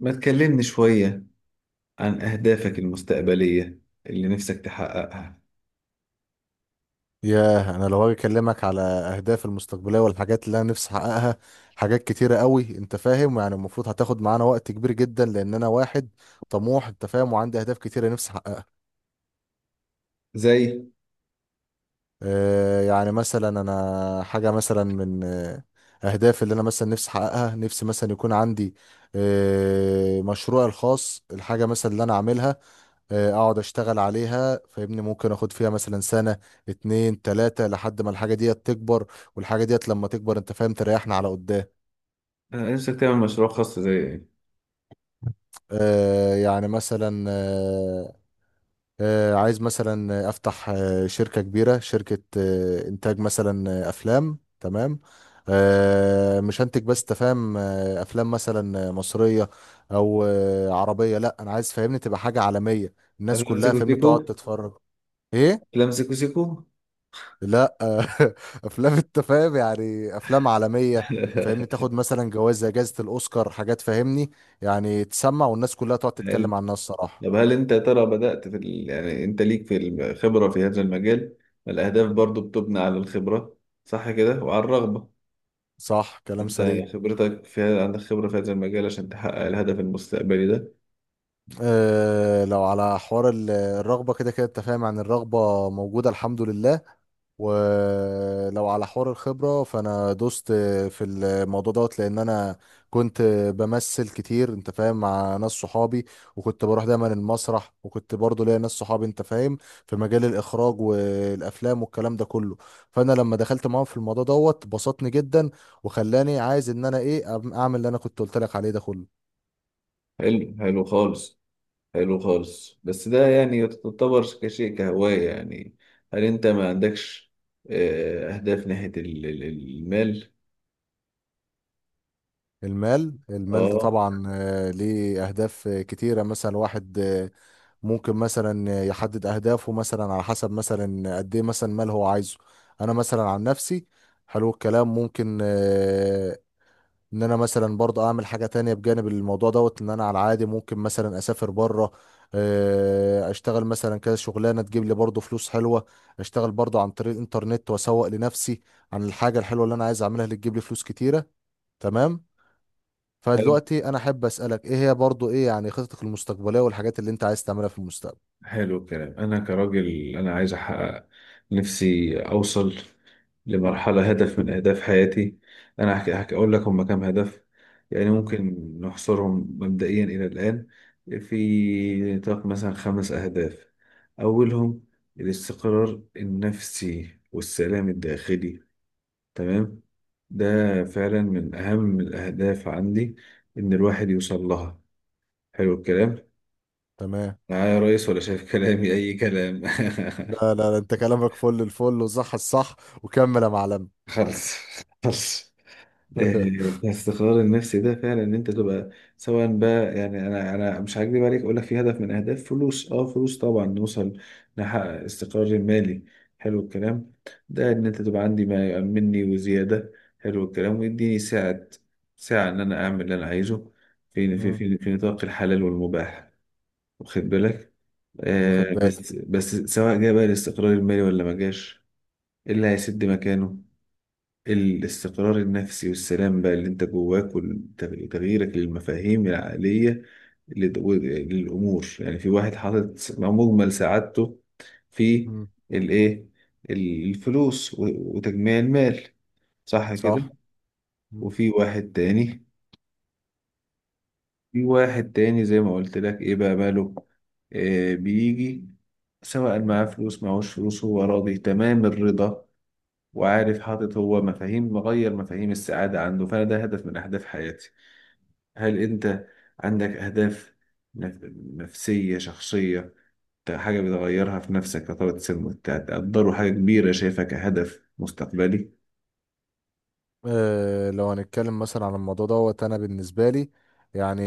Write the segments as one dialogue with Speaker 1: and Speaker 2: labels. Speaker 1: ما تكلمني شوية عن أهدافك المستقبلية اللي نفسك تحققها.
Speaker 2: ياه، انا لو هاجي اكلمك على اهدافي المستقبليه والحاجات اللي انا نفسي احققها، حاجات كتيره قوي، انت فاهم؟ يعني المفروض هتاخد معانا وقت كبير جدا لان انا واحد طموح، انت فاهم، وعندي اهداف كتيره نفسي احققها.
Speaker 1: زي؟
Speaker 2: يعني مثلا انا حاجه مثلا من اهدافي اللي انا مثلا نفسي احققها، نفسي مثلا يكون عندي مشروعي الخاص، الحاجه مثلا اللي انا عاملها اقعد اشتغل عليها. فاهمني؟ ممكن اخد فيها مثلا سنة 2 3 لحد ما الحاجة ديت تكبر، والحاجة ديت لما تكبر انت فاهم تريحنا على قدام.
Speaker 1: أنا نفسك تعمل مشروع خاص زي إيه؟
Speaker 2: يعني مثلا عايز مثلا افتح شركة كبيرة، شركة انتاج مثلا افلام. تمام. مش هنتج، بس تفهم افلام مثلا مصرية او عربية. لا، انا عايز فاهمني تبقى حاجة عالمية، الناس
Speaker 1: أفلام
Speaker 2: كلها
Speaker 1: سيكو
Speaker 2: فاهمني تقعد
Speaker 1: سيكو.
Speaker 2: تتفرج. ايه؟
Speaker 1: أفلام سيكو سيكو.
Speaker 2: لا. افلام، انت فاهم، يعني افلام عالميه، فاهمني تاخد مثلا جوائز زي جائزه الاوسكار، حاجات فاهمني يعني تسمع والناس كلها تقعد
Speaker 1: هل
Speaker 2: تتكلم عنها، الصراحه.
Speaker 1: طب هل أنت يا ترى بدأت يعني أنت ليك في الخبرة في هذا المجال؟ الأهداف برضو بتبنى على الخبرة، صح كده، وعلى الرغبة.
Speaker 2: صح، كلام
Speaker 1: أنت
Speaker 2: سليم.
Speaker 1: خبرتك عندك خبرة في هذا المجال عشان تحقق الهدف المستقبلي ده؟
Speaker 2: أه، لو على حوار الرغبه كده كده، انت فاهم يعني الرغبه موجوده، الحمد لله. ولو على حوار الخبرة، فأنا دوست في الموضوع دوت، لأن أنا كنت بمثل كتير، أنت فاهم، مع ناس صحابي، وكنت بروح دايما المسرح، وكنت برضو ليا ناس صحابي أنت فاهم في مجال الإخراج والأفلام والكلام ده كله. فأنا لما دخلت معاهم في الموضوع دوت بسطني جدا، وخلاني عايز إن أنا إيه، أعمل اللي أنا كنت قلت لك عليه ده كله.
Speaker 1: حلو، حلو خالص. حلو خالص، بس ده يعني يعتبر كشيء كهواية يعني. هل انت ما عندكش اهداف ناحية المال؟
Speaker 2: المال، المال ده
Speaker 1: اه،
Speaker 2: طبعا ليه أهداف كتيرة، مثلا واحد ممكن مثلا يحدد أهدافه مثلا على حسب مثلا قد إيه مثلا مال هو عايزه. أنا مثلا عن نفسي، حلو الكلام، ممكن إن أنا مثلا برضه أعمل حاجة تانية بجانب الموضوع دوت، إن أنا على العادي ممكن مثلا أسافر بره، أشتغل مثلا كذا شغلانة تجيب لي برضه فلوس حلوة، أشتغل برضه عن طريق الإنترنت وأسوق لنفسي عن الحاجة الحلوة اللي أنا عايز أعملها اللي تجيب لي فلوس كتيرة. تمام.
Speaker 1: حاجة.
Speaker 2: فدلوقتي انا احب اسالك، ايه هي برضو، ايه يعني خططك المستقبليه والحاجات اللي انت عايز تعملها في المستقبل؟
Speaker 1: حلو الكلام، انا كراجل انا عايز احقق، نفسي اوصل لمرحلة هدف من اهداف حياتي. انا هحكي اقول لك هم كام هدف، يعني
Speaker 2: مم.
Speaker 1: ممكن نحصرهم مبدئيا الى الان في نطاق مثلا خمس اهداف. اولهم الاستقرار النفسي والسلام الداخلي، تمام. ده فعلا من اهم الاهداف عندي، ان الواحد يوصل لها. حلو الكلام،
Speaker 2: تمام.
Speaker 1: معايا يا ريس ولا شايف كلامي اي كلام؟
Speaker 2: لا لا لا، انت كلامك فل الفل وصح الصح، وكمل يا معلم.
Speaker 1: خلص، خلص. إيه، بس القرار النفسي ده فعلا ان انت تبقى، سواء بقى يعني انا مش هكدب عليك، اقول لك في هدف من اهداف فلوس. اه فلوس طبعا، نوصل نحقق استقرار مالي، حلو الكلام. ده ان انت تبقى عندي ما يأمنني وزيادة، حلو الكلام، ويديني ساعة، ساعة ان انا اعمل اللي انا عايزه
Speaker 2: مم.
Speaker 1: في نطاق الحلال والمباح، واخد بالك.
Speaker 2: واخد
Speaker 1: آه،
Speaker 2: بالك.
Speaker 1: بس سواء جه بقى الاستقرار المالي ولا ما جاش، إيه اللي هيسد مكانه؟ الاستقرار النفسي والسلام بقى اللي انت جواك، وتغييرك للمفاهيم العقلية للأمور. يعني في واحد حاطط مجمل سعادته في
Speaker 2: مم.
Speaker 1: الإيه، الفلوس وتجميع المال، صح كده؟
Speaker 2: صح.
Speaker 1: وفي واحد تاني، في واحد تاني زي ما قلت لك إيه بقى ماله، آه بيجي سواء معاه فلوس معهوش فلوس هو راضي تمام الرضا، وعارف حاطط هو مفاهيم، مغير مفاهيم السعادة عنده. فأنا ده هدف من أهداف حياتي. هل أنت عندك أهداف نف- نفسية شخصية، حاجة بتغيرها في نفسك كطبقة سن، تقدره حاجة كبيرة شايفها كهدف مستقبلي؟
Speaker 2: لو هنتكلم مثلا عن الموضوع دوت انا بالنسبه لي يعني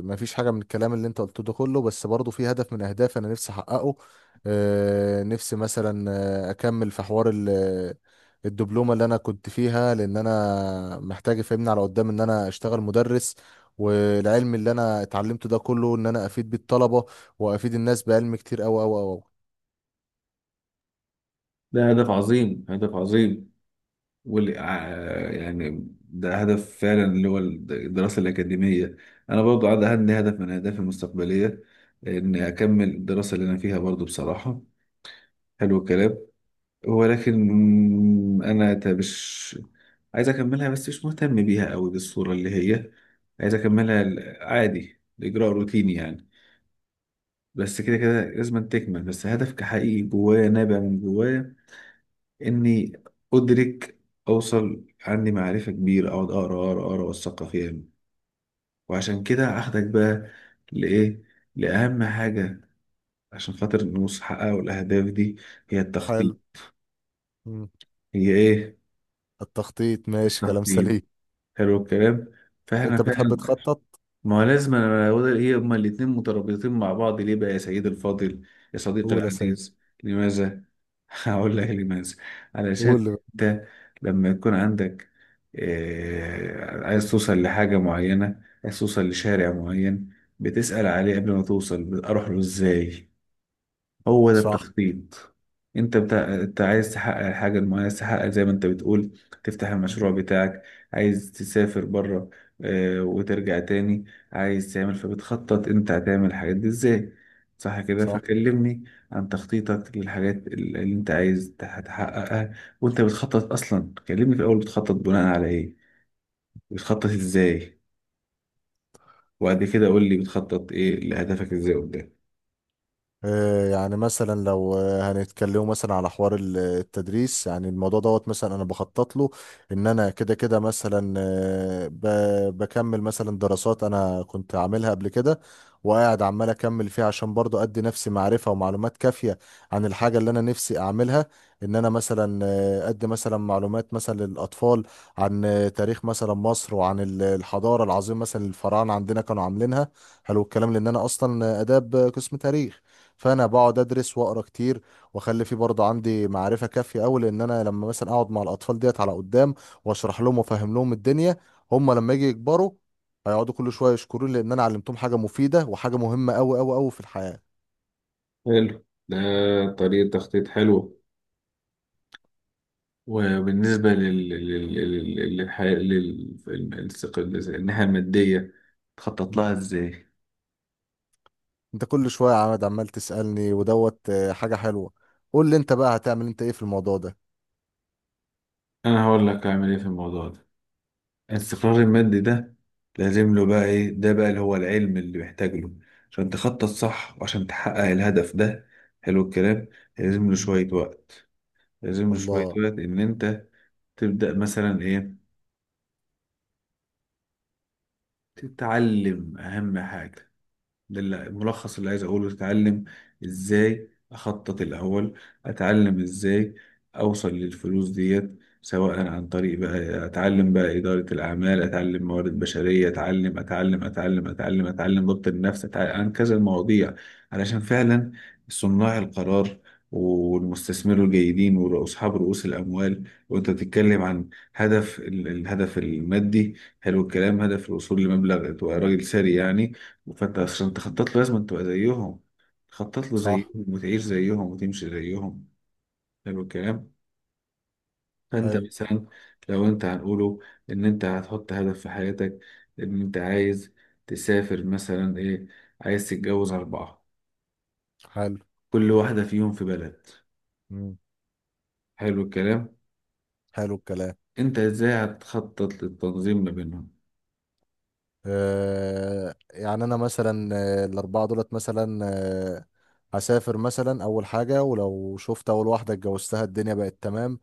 Speaker 2: ما فيش حاجه من الكلام اللي انت قلته ده كله، بس برضه في هدف من اهدافي انا نفسي احققه. نفسي مثلا اكمل في حوار الدبلومه اللي انا كنت فيها، لان انا محتاج افهمني على قدام ان انا اشتغل مدرس، والعلم اللي انا اتعلمته ده كله ان انا افيد بيه الطلبه، وافيد الناس بعلم كتير اوي اوي اوي.
Speaker 1: ده هدف عظيم، هدف عظيم، يعني ده هدف فعلا اللي هو الدراسة الأكاديمية. أنا برضو عندي هدف من أهدافي المستقبلية، إن أكمل الدراسة اللي أنا فيها برضو بصراحة، حلو الكلام. ولكن انا مش عايز اكملها، بس مش مهتم بيها قوي بالصورة اللي هي عايز اكملها عادي، الاجراء روتيني يعني، بس كده كده لازم تكمل. بس هدف كحقيقي جوايا نابع من جوايا، اني ادرك، اوصل عندي معرفة كبيرة، اقعد اقرا اقرا اقرا اوثقها فيها. وعشان كده اخدك بقى لايه؟ لاهم حاجة، عشان خاطر نوصل نحقق الاهداف دي، هي التخطيط.
Speaker 2: حلو. مم.
Speaker 1: هي ايه؟
Speaker 2: التخطيط، ماشي كلام
Speaker 1: التخطيط،
Speaker 2: سليم.
Speaker 1: حلو الكلام، فاحنا
Speaker 2: انت بتحب
Speaker 1: فعلا.
Speaker 2: تخطط؟
Speaker 1: ما هو لازم، أنا هو ده- هي هما الاتنين مترابطين مع بعض. ليه بقى يا سيد الفاضل، يا صديقي
Speaker 2: قول يا سيد.
Speaker 1: العزيز، لماذا؟ هقول لك لماذا. علشان
Speaker 2: قول.
Speaker 1: انت لما يكون عندك آه عايز توصل لحاجة معينة، عايز توصل لشارع معين، بتسأل عليه قبل ما توصل، اروح له ازاي، هو ده
Speaker 2: صح.
Speaker 1: التخطيط. انت عايز تحقق الحاجه المعينه، عايز تحقق زي ما انت بتقول، تفتح المشروع بتاعك، عايز تسافر بره اه... وترجع تاني، عايز تعمل. فبتخطط انت هتعمل الحاجات دي ازاي، صح كده؟
Speaker 2: صح.
Speaker 1: فكلمني عن تخطيطك للحاجات اللي انت عايز تحققها. وانت بتخطط اصلا، كلمني في الاول بتخطط بناء على ايه، بتخطط ازاي، وبعد كده قول لي بتخطط ايه لهدفك ازاي قدام.
Speaker 2: يعني مثلا لو هنتكلموا مثلا على حوار التدريس، يعني الموضوع دوت مثلا انا بخطط له ان انا كده كده، مثلا بكمل مثلا دراسات انا كنت عاملها قبل كده، وقاعد عمال اكمل فيها عشان برضو ادي نفسي معرفة ومعلومات كافية عن الحاجة اللي انا نفسي اعملها. ان انا مثلا ادي مثلا معلومات مثلا للاطفال عن تاريخ مثلا مصر، وعن الحضارة العظيمة مثلا الفراعنة عندنا كانوا عاملينها. حلو الكلام، لان انا اصلا اداب، قسم تاريخ، فانا بقعد ادرس واقرا كتير، واخلي فيه برضه عندي معرفه كافيه قوي، لان انا لما مثلا اقعد مع الاطفال ديت على قدام واشرح لهم وافهم لهم الدنيا، هم لما يجي يكبروا هيقعدوا كل شويه يشكروني، لان انا علمتهم حاجه مفيده وحاجه مهمه قوي قوي قوي في الحياه.
Speaker 1: حلو ده، طريقة تخطيط حلوة. وبالنسبة للحياة الناحية المادية، تخطط لها
Speaker 2: مم.
Speaker 1: ازاي؟
Speaker 2: انت كل شويه يا عماد عمال تسالني، ودوت حاجه حلوه. قول لي انت بقى هتعمل انت ايه في الموضوع ده.
Speaker 1: أنا هقول لك أعمل إيه في الموضوع ده. الاستقرار المادي ده لازم له بقى إيه؟ ده بقى اللي هو العلم اللي محتاج له عشان تخطط صح وعشان تحقق الهدف ده، حلو الكلام. لازم له
Speaker 2: مم.
Speaker 1: شوية وقت، لازم له شوية
Speaker 2: الله.
Speaker 1: وقت، إن أنت تبدأ مثلا إيه، تتعلم أهم حاجة. ده الملخص اللي عايز اقوله، اتعلم ازاي اخطط الاول، اتعلم ازاي اوصل للفلوس ديت، سواء عن طريق بقى اتعلم بقى اداره الاعمال، اتعلم موارد بشريه، اتعلم ضبط النفس، اتعلم عن كذا المواضيع، علشان فعلا صناع القرار والمستثمرين الجيدين واصحاب رؤوس الاموال. وانت بتتكلم عن هدف الهدف المادي، حلو الكلام، هدف الوصول لمبلغ، تبقى راجل ثري يعني. فانت عشان تخطط له لازم تبقى زيهم، تخطط له زيهم
Speaker 2: صح.
Speaker 1: وتعيش زيهم وتمشي زيهم، حلو الكلام. فانت
Speaker 2: حلو.
Speaker 1: مثلا لو انت هنقوله ان انت هتحط هدف في حياتك، ان انت عايز تسافر مثلا ايه، عايز تتجوز اربعة،
Speaker 2: حلو.
Speaker 1: كل واحدة فيهم في بلد،
Speaker 2: مم.
Speaker 1: حلو الكلام.
Speaker 2: حلو الكلام.
Speaker 1: انت ازاي هتخطط للتنظيم ما بينهم؟
Speaker 2: يعني انا مثلا الاربعه دولت مثلا هسافر مثلا اول حاجه، ولو شفت اول واحده اتجوزتها الدنيا بقت تمام،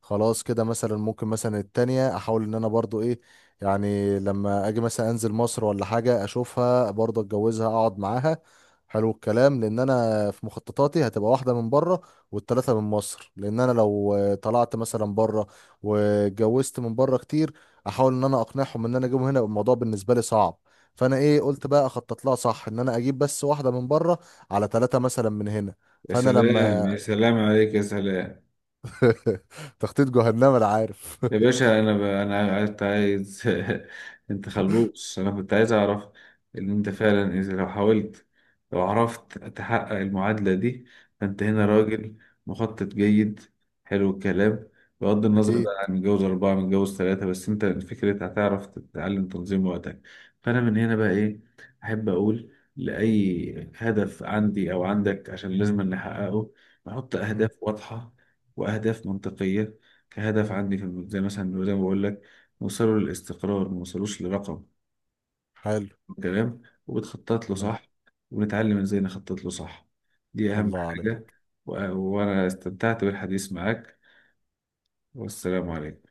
Speaker 2: خلاص كده. مثلا ممكن مثلا التانية احاول ان انا برضو ايه، يعني لما اجي مثلا انزل مصر ولا حاجة اشوفها برضو اتجوزها اقعد معاها. حلو الكلام، لان انا في مخططاتي هتبقى واحدة من بره والتلاتة من مصر، لان انا لو طلعت مثلا بره واتجوزت من بره كتير، احاول ان انا اقنعهم ان انا اجيبهم هنا يبقى الموضوع بالنسبة لي صعب. فانا ايه، قلت بقى اخطط لها صح، ان انا اجيب بس واحدة من بره على 3 مثلا من هنا.
Speaker 1: يا
Speaker 2: فانا
Speaker 1: سلام،
Speaker 2: لما
Speaker 1: يا سلام عليك، يا سلام.
Speaker 2: تخطيط جهنم، انا عارف.
Speaker 1: يا باشا، انا كنت عايز. انت خلبوس، انا كنت عايز اعرف ان انت فعلا اذا لو حاولت، لو عرفت تحقق المعادلة دي، فانت هنا راجل مخطط جيد، حلو الكلام. بغض النظر
Speaker 2: أكيد.
Speaker 1: بقى عن متجوز أربعة متجوز ثلاثة، بس أنت فكرة هتعرف تتعلم تنظيم وقتك. فأنا من هنا بقى إيه، أحب أقول لأي هدف عندي أو عندك عشان لازم نحققه، نحط
Speaker 2: مم.
Speaker 1: أهداف واضحة وأهداف منطقية. كهدف
Speaker 2: مم.
Speaker 1: عندي كان زي مثلا زي ما بقول لك، نوصله للاستقرار، ما نوصلوش لرقم
Speaker 2: حلو.
Speaker 1: كلام، وبتخطط له
Speaker 2: تمام.
Speaker 1: صح، ونتعلم ازاي نخطط له صح، دي اهم
Speaker 2: الله
Speaker 1: حاجة.
Speaker 2: عليك.
Speaker 1: وانا استمتعت بالحديث معاك، والسلام عليكم.